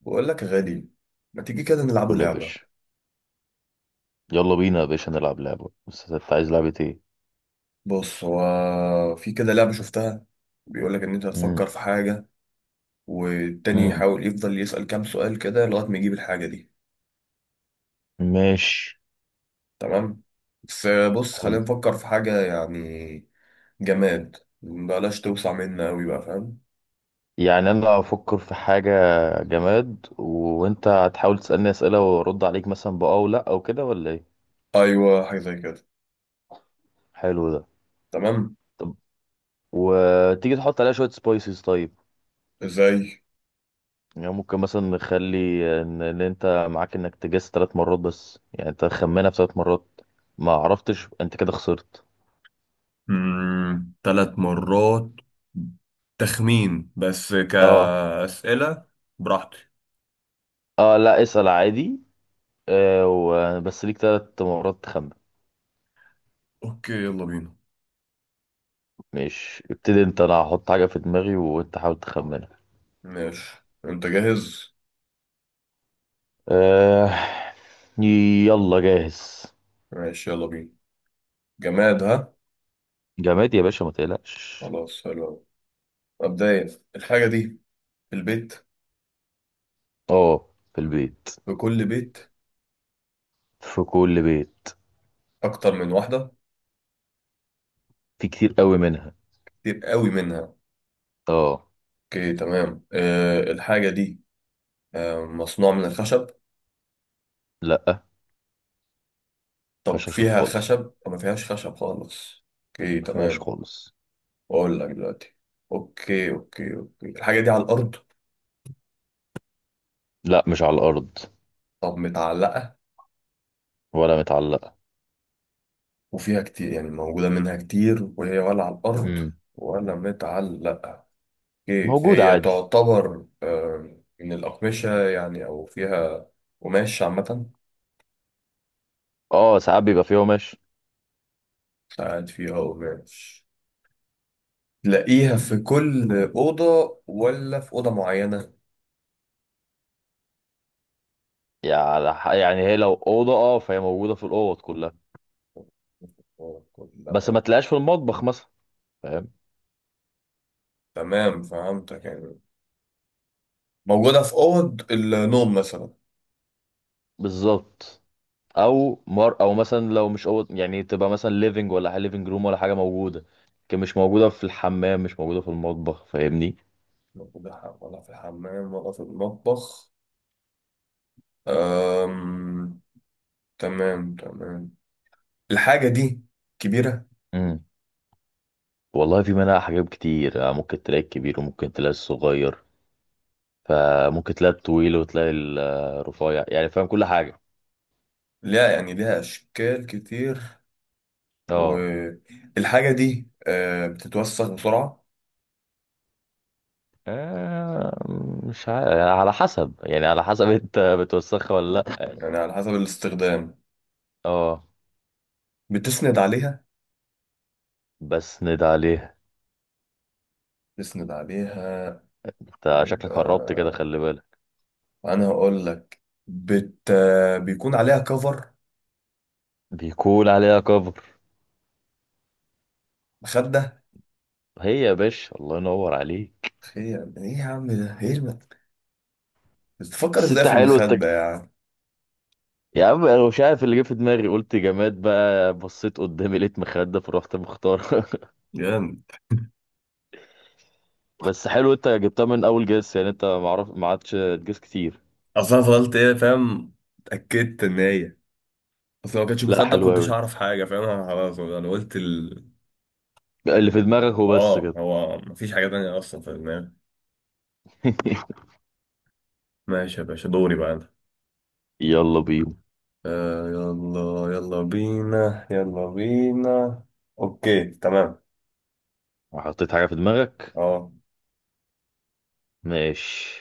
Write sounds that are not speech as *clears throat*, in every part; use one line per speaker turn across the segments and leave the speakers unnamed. بقول لك يا غالي، ما تيجي كده نلعبوا
قول يا
لعبة؟
باشا. يلا بينا يا باشا نلعب لعبة، بس انت عايز لعبة ايه؟
بص، هو في كده لعبة شفتها، بيقول لك ان انت
مم.
تفكر في حاجة، والتاني
مم.
يحاول يفضل يسأل كام سؤال كده لغاية ما يجيب الحاجة دي.
ماشي.
تمام. بس بص خلينا
حلو،
نفكر في حاجة يعني جماد، بلاش توسع منا قوي، بقى فاهم؟
يعني انا هفكر في حاجة جماد، وانت هتحاول تسألني اسئلة وارد عليك مثلا بأه او لا او كده، ولا ايه؟
ايوه، حاجة زي كده.
حلو ده.
تمام.
طب وتيجي تحط عليها شوية سبايسز؟ طيب،
ازاي؟
يعني ممكن مثلا نخلي ان انت معاك انك تجس 3 مرات، بس يعني انت خمنها في 3 مرات، ما عرفتش انت كده خسرت.
3 مرات تخمين بس
اه.
كأسئلة؟ براحتي.
اه لا، اسأل عادي. بس ليك 3 مرات تخمن.
اوكي يلا بينا.
ماشي، ابتدي انت، انا هحط حاجة في دماغي وانت حاول تخمنها.
ماشي، انت جاهز؟
أه... يلا جاهز.
ماشي يلا بينا. جماد، ها.
جماد يا باشا، ما تقلقش.
خلاص، حلو أوي. مبدئيا الحاجة دي في البيت،
اه، في البيت،
في كل بيت،
في كل بيت،
أكتر من واحدة،
في كتير قوي منها.
كتير قوي منها.
اه.
أوكي تمام. الحاجة دي مصنوع من الخشب؟
لا، ما
طب
فيهاش خشب
فيها
خالص،
خشب أو ما فيهاش خشب خالص؟ أوكي
ما فيهاش
تمام.
خالص.
أقول لك دلوقتي. أوكي أوكي أوكي، الحاجة دي على الأرض؟
لا، مش على الارض،
طب متعلقة؟
ولا متعلقة.
وفيها كتير، يعني موجودة منها كتير، وهي ولا على الأرض
امم،
ولا متعلقة. هي
موجودة
هي
عادي.
تعتبر من الأقمشة يعني، أو فيها قماش عامة؟
اه، ساعات بيبقى فيها قماش.
ساعات فيها قماش. تلاقيها في كل أوضة ولا في أوضة معينة؟
يعني يعني هي لو اوضه، اه، فهي موجوده في الاوض كلها، بس
كلها.
ما تلاقيهاش في المطبخ مثلا، فاهم.
تمام، فهمتك، يعني موجودة في أوض النوم مثلا.
بالظبط. او مر، او مثلا لو مش أوض يعني تبقى مثلا ليفنج ولا حاجه، ليفنج روم ولا حاجه، موجوده، لكن مش موجوده في الحمام، مش موجوده في المطبخ، فاهمني.
موجودة ولا في الحمام ولا في المطبخ. أم... تمام تمام. الحاجة دي كبيرة؟
امم. والله، في منها حاجات كتير، ممكن تلاقي الكبير وممكن تلاقي الصغير، فممكن تلاقي الطويل وتلاقي الرفيع، يعني فاهم كل حاجه.
لا، يعني ليها أشكال كتير.
اه.
والحاجة دي بتتوسخ بسرعة؟
آه، مش عارف، على حسب يعني، على حسب *laughs* انت بتوسخها ولا لا.
يعني على حسب الاستخدام،
اه.
بتسند عليها.
بس ند عليها.
بتسند عليها،
انت شكلك
بيبقى،
قربت كده، خلي بالك.
أنا هقول لك، بت... بيكون عليها كفر،
بيكون عليها كفر.
مخدة.
هي يا باشا، الله ينور عليك.
خير إيه يا عم، ده إيه *laughs* بتفكر
بس
إزاي
انت
في
حلو، انت.
المخدة يعني؟
يا عم انا مش عارف اللي جه في دماغي، قلت جماد، بقى بصيت قدامي لقيت مخدة، فرحت مختار *laughs*
جامد.
بس حلو، انت جبتها من اول جس يعني، انت معرف ما عادش تجس كتير.
أصل أنا فضلت إيه فاهم، اتأكدت إن هي، أصل لو ما كانتش
لا،
مخدة ما
حلو
كنتش
قوي.
أعرف حاجة فاهم، أنا خلاص أنا قلت
اللي في دماغك هو بس
آه
كده.
هو مفيش حاجة تانية أصلا في دماغي.
*laughs*
ماشي يا باشا، دوري بقى أنا.
يلا بينا.
آه يلا، يلا بينا يلا بينا. اوكي تمام.
حطيت حاجة في دماغك.
اه،
ماشي.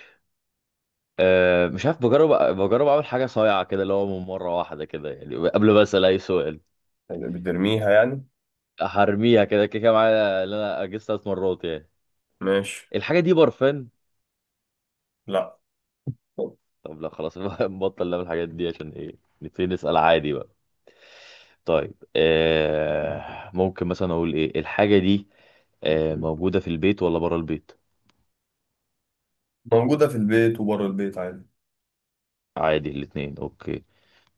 أه، مش عارف، بجرب. بجرب اعمل حاجة صايعة كده، اللي هو من مرة واحدة كده يعني، قبل ما اسأل اي سؤال.
بترميها يعني.
هرميها كده كده كده معايا، اللي انا اجس 3 مرات يعني.
ماشي.
الحاجة دي برفان؟
لا،
طب لا، خلاص، *laughs* نبطل نعمل الحاجات دي عشان ايه، نبتدي نسأل عادي بقى. طيب، آه، ممكن مثلا اقول ايه الحاجة دي، موجودة في البيت ولا برا البيت؟
موجودة في البيت وبره البيت عادي.
عادي الاتنين، اوكي.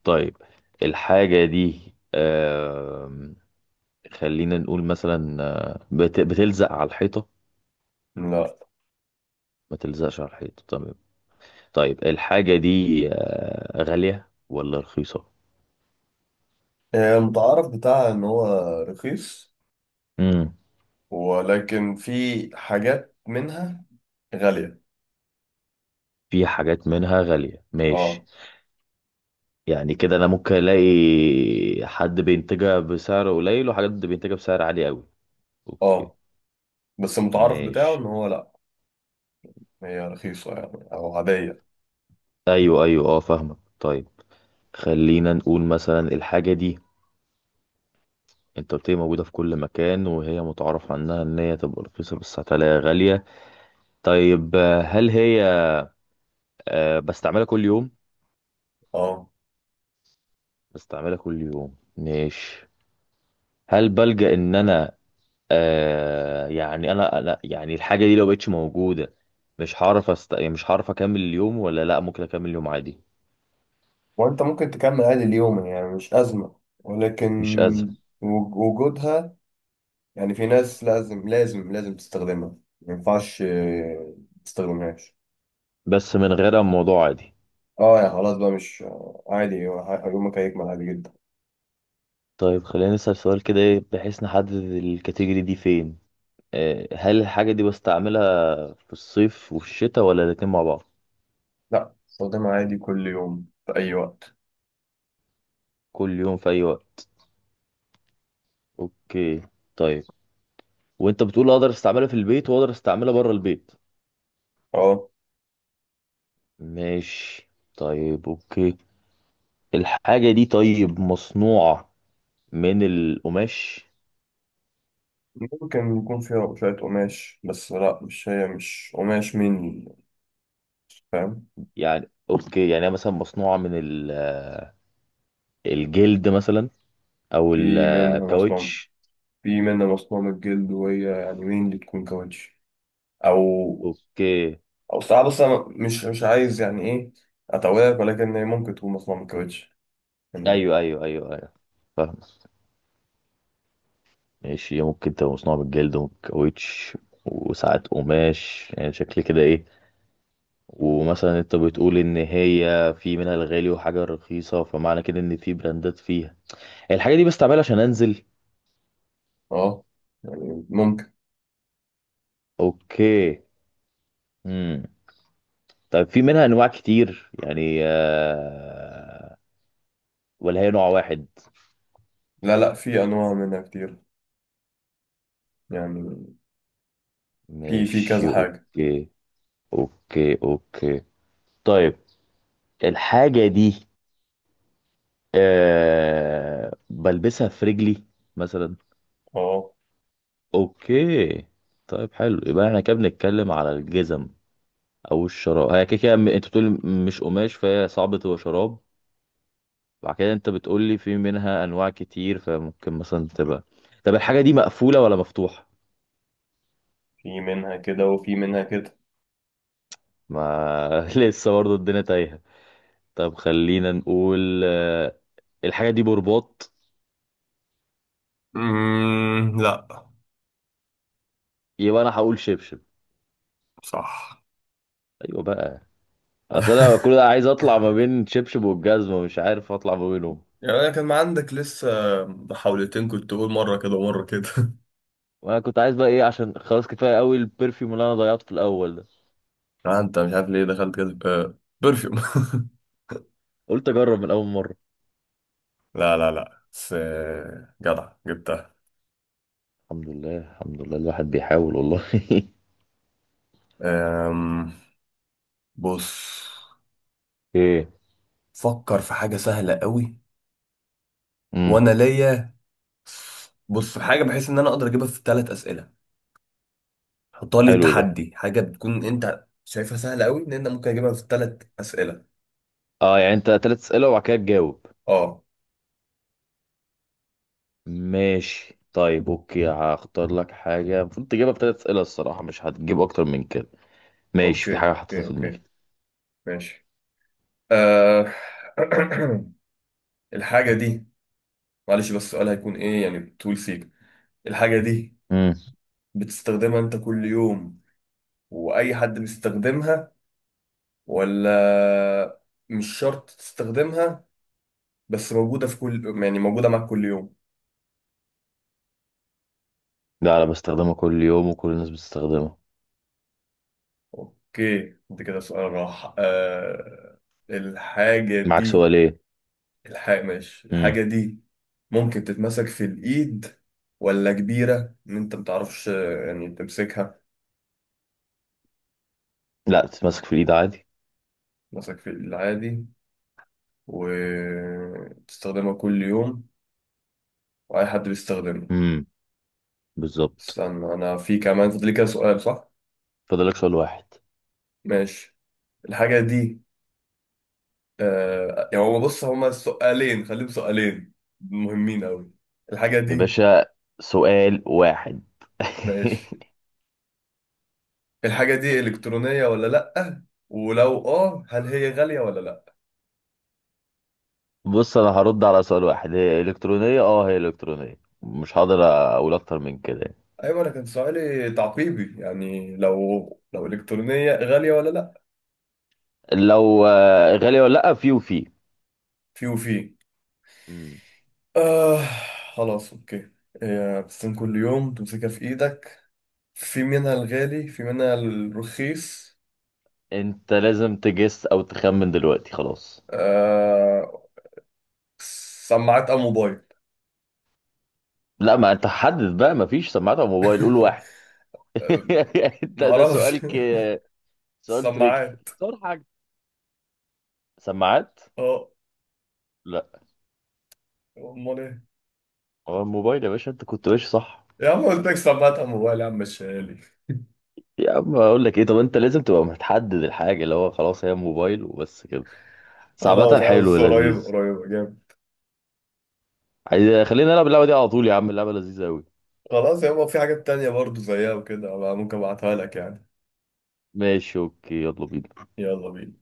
طيب الحاجة دي، آه خلينا نقول مثلا، آه، بت بتلزق على الحيطة؟
لا.
ما تلزقش على الحيطة، تمام. طيب الحاجة دي، غالية ولا رخيصة؟
المتعارف بتاعها ان هو رخيص،
امم.
ولكن في حاجات منها غالية.
في حاجات منها غالية، ماشي.
اه.
يعني كده انا ممكن الاقي حد بينتجها بسعر قليل وحاجات بينتجها بسعر عالي قوي، اوكي.
اه، بس المتعارف بتاعه ان
ماشي.
هو لا، هي رخيصة يعني او عادية.
ايوه ايوه اه، فاهمك. طيب خلينا نقول مثلا الحاجه دي، انت قلت لي موجوده في كل مكان، وهي متعارف عنها ان هي تبقى رخيصه، بس هتلاقيها غاليه. طيب، هل هي، بستعملها كل يوم؟
اه.
بستعملها كل يوم، ماشي. هل بلجأ ان انا، يعني انا يعني الحاجه دي لو بقتش موجوده، مش هعرف يعني مش هعرف اكمل اليوم ولا لا، ممكن اكمل اليوم عادي؟
وانت ممكن تكمل عادي اليوم يعني، مش أزمة، ولكن
مش ازمه،
وجودها، يعني في ناس لازم لازم لازم تستخدمها، ما ينفعش ما تستخدمهاش.
بس من غيرها الموضوع عادي.
اه يعني خلاص بقى، مش عادي، يومك هيكمل عادي جدا.
طيب خلينا نسال سؤال كده إيه، بحيث نحدد الكاتيجوري دي فين. آه، هل الحاجه دي بستعملها في الصيف وفي الشتاء ولا الاتنين مع بعض؟
لا، استخدمها عادي كل يوم في اي وقت.
كل يوم في اي وقت، اوكي. طيب وانت بتقول اقدر استعملها في البيت واقدر استعملها بره البيت،
اه.
ماشي. طيب اوكي، الحاجه دي طيب مصنوعه من القماش؟
ممكن يكون فيها شوية قماش، بس لا، مش هي مش قماش مني، فاهم.
يعني اوكي، يعني هي مثلا مصنوعة من الجلد مثلا، او
في منها مصنوع،
الكاوتش؟
في منها مصنوع من الجلد، وهي يعني مين اللي تكون كاوتش او،
اوكي.
او ساعات، بس انا مش عايز يعني ايه اتوهك، ولكن هي ممكن تكون مصنوع من الكاوتش يعني.
ايوه ايوه ايوه ايوه، فاهم. ماشي، هي ممكن تبقى مصنوعة من الجلد والكاوتش وساعات قماش، يعني شكل كده ايه. ومثلا انت بتقول ان هي في منها الغالي وحاجة رخيصة، فمعنى كده ان في براندات فيها. الحاجة دي بستعملها عشان انزل.
اه يعني ممكن.
اوكي. امم. طيب في منها انواع كتير يعني، ولا هي نوع واحد؟
لا لا، في انواع منها كتير يعني. في كذا
ماشي،
حاجة.
اوكي اوكي اوكي. طيب الحاجة دي، آه، بلبسها في رجلي مثلا.
اه.
اوكي. طيب حلو، يبقى احنا كده بنتكلم على الجزم او الشراب. هي كده كده، انت بتقولي مش قماش، فهي صعب تبقى شراب. بعد كده انت بتقولي في منها انواع كتير، فممكن مثلا تبقى. طب الحاجة دي مقفولة ولا مفتوحة؟
في منها كده وفي منها كده.
ما *laughs* لسه برضه الدنيا تايهة. طب خلينا نقول، الحاجة دي برباط؟
لا.
يبقى انا هقول شبشب.
صح.
ايوه بقى. اصل انا
*laughs*
كل ده عايز اطلع ما بين شبشب والجزمه، مش عارف اطلع ما بينهم.
يعني انا كان عندك لسه محاولتين، كنت تقول مرة كده ومرة كده. *laughs*
وانا كنت عايز بقى ايه، عشان خلاص كفايه قوي البرفيوم اللي انا ضيعته في الاول ده.
آه، انت مش عارف ليه دخلت كده آه برفيوم.
قلت اجرب من اول مره.
*laughs* لا لا لا، بس جدع جبتها.
الحمد لله الحمد لله، الواحد بيحاول والله *laughs*
أم، بص،
ايه.
فكر في حاجة سهلة قوي،
امم.
وانا ليا. بص، في حاجة بحيث ان انا اقدر اجيبها في 3 اسئلة، حطها لي
حلو ده.
تحدي، حاجه بتكون انت شايفها سهله قوي ان انت ممكن اجيبها في 3 اسئله.
اه، يعني انت تلات اسئله وبعد كده تجاوب.
اه.
ماشي طيب اوكي، هختار لك حاجه المفروض تجيبها في تلات اسئله الصراحه، مش هتجيب اكتر من كده. ماشي،
اوكي
في حاجه حطيتها
اوكي
في
اوكي،
دماغي.
ماشي. آه... *clears throat* الحاجه دي، معلش بس السؤال هيكون ايه يعني طول سيك؟ الحاجه دي
امم.
بتستخدمها انت كل يوم واي حد بيستخدمها، ولا مش شرط تستخدمها بس موجوده في كل، يعني موجوده معاك كل يوم؟
لا، انا بستخدمها كل يوم وكل الناس بتستخدمها.
اوكي انت كده سؤال راح. الحاجه
معاك
دي،
سؤال ايه؟
الحاجة ماشي،
امم.
الحاجة دي ممكن تتمسك في الإيد، ولا كبيرة إن أنت متعرفش يعني تمسكها؟
لا، تتمسك في الايد عادي.
تمسك في العادي، وتستخدمها كل يوم، وأي حد بيستخدمها.
امم، بالظبط.
استنى أنا، في كمان فاضل لي كده سؤال صح؟
فاضلك سؤال واحد.
ماشي. الحاجة دي، آه يعني هو بص هما سؤالين، خليهم سؤالين مهمين أوي. الحاجة
يا
دي،
باشا، سؤال واحد
ماشي،
*laughs*
الحاجة دي إلكترونية ولا لأ؟ ولو آه هل هي غالية ولا لأ؟
بص، انا هرد على سؤال واحد، هي الكترونيه، اه هي الكترونيه، مش هقدر اقول اكتر من كده يعني.
ايوه، انا كان سؤالي تعقيبي يعني، لو الكترونيه غاليه ولا لا.
لو غاليه ولا لا، في وفي.
في وفي.
مم.
آه، خلاص اوكي. بتستخدم كل يوم، تمسكها في ايدك، في منها الغالي في منها الرخيص.
انت لازم تجس او تخمن دلوقتي، خلاص.
آه، سماعات او موبايل.
لا، ما انت حدد بقى، ما فيش سماعات على موبايل، قول
*laughs*
واحد.
آه،
*laughs* انت
ما
ده
اعرفش.
سؤالك،
*laughs*
سؤال تريكي،
سماعات.
اختار حاجه. سماعات.
اه.
لا.
امال ايه؟
هو الموبايل يا باشا، انت كنت ماشي صح.
يا عم قلت لك سماعات او موبايل، يا عم مش غالي.
يا عم اقول لك ايه، طب انت لازم تبقى متحدد الحاجه اللي هو، خلاص هي موبايل وبس كده.
خلاص
صعبة، حلو،
خلاص، قريبة
لذيذ.
قريبة جامد.
عايز خلينا نلعب اللعبه دي على طول يا عم، اللعبه لذيذه قوي.
خلاص يابا، في حاجات تانية برضو زيها وكده أبقى ممكن ابعتها لك يعني.
ماشي اوكي، يلا بينا.
يلا بينا.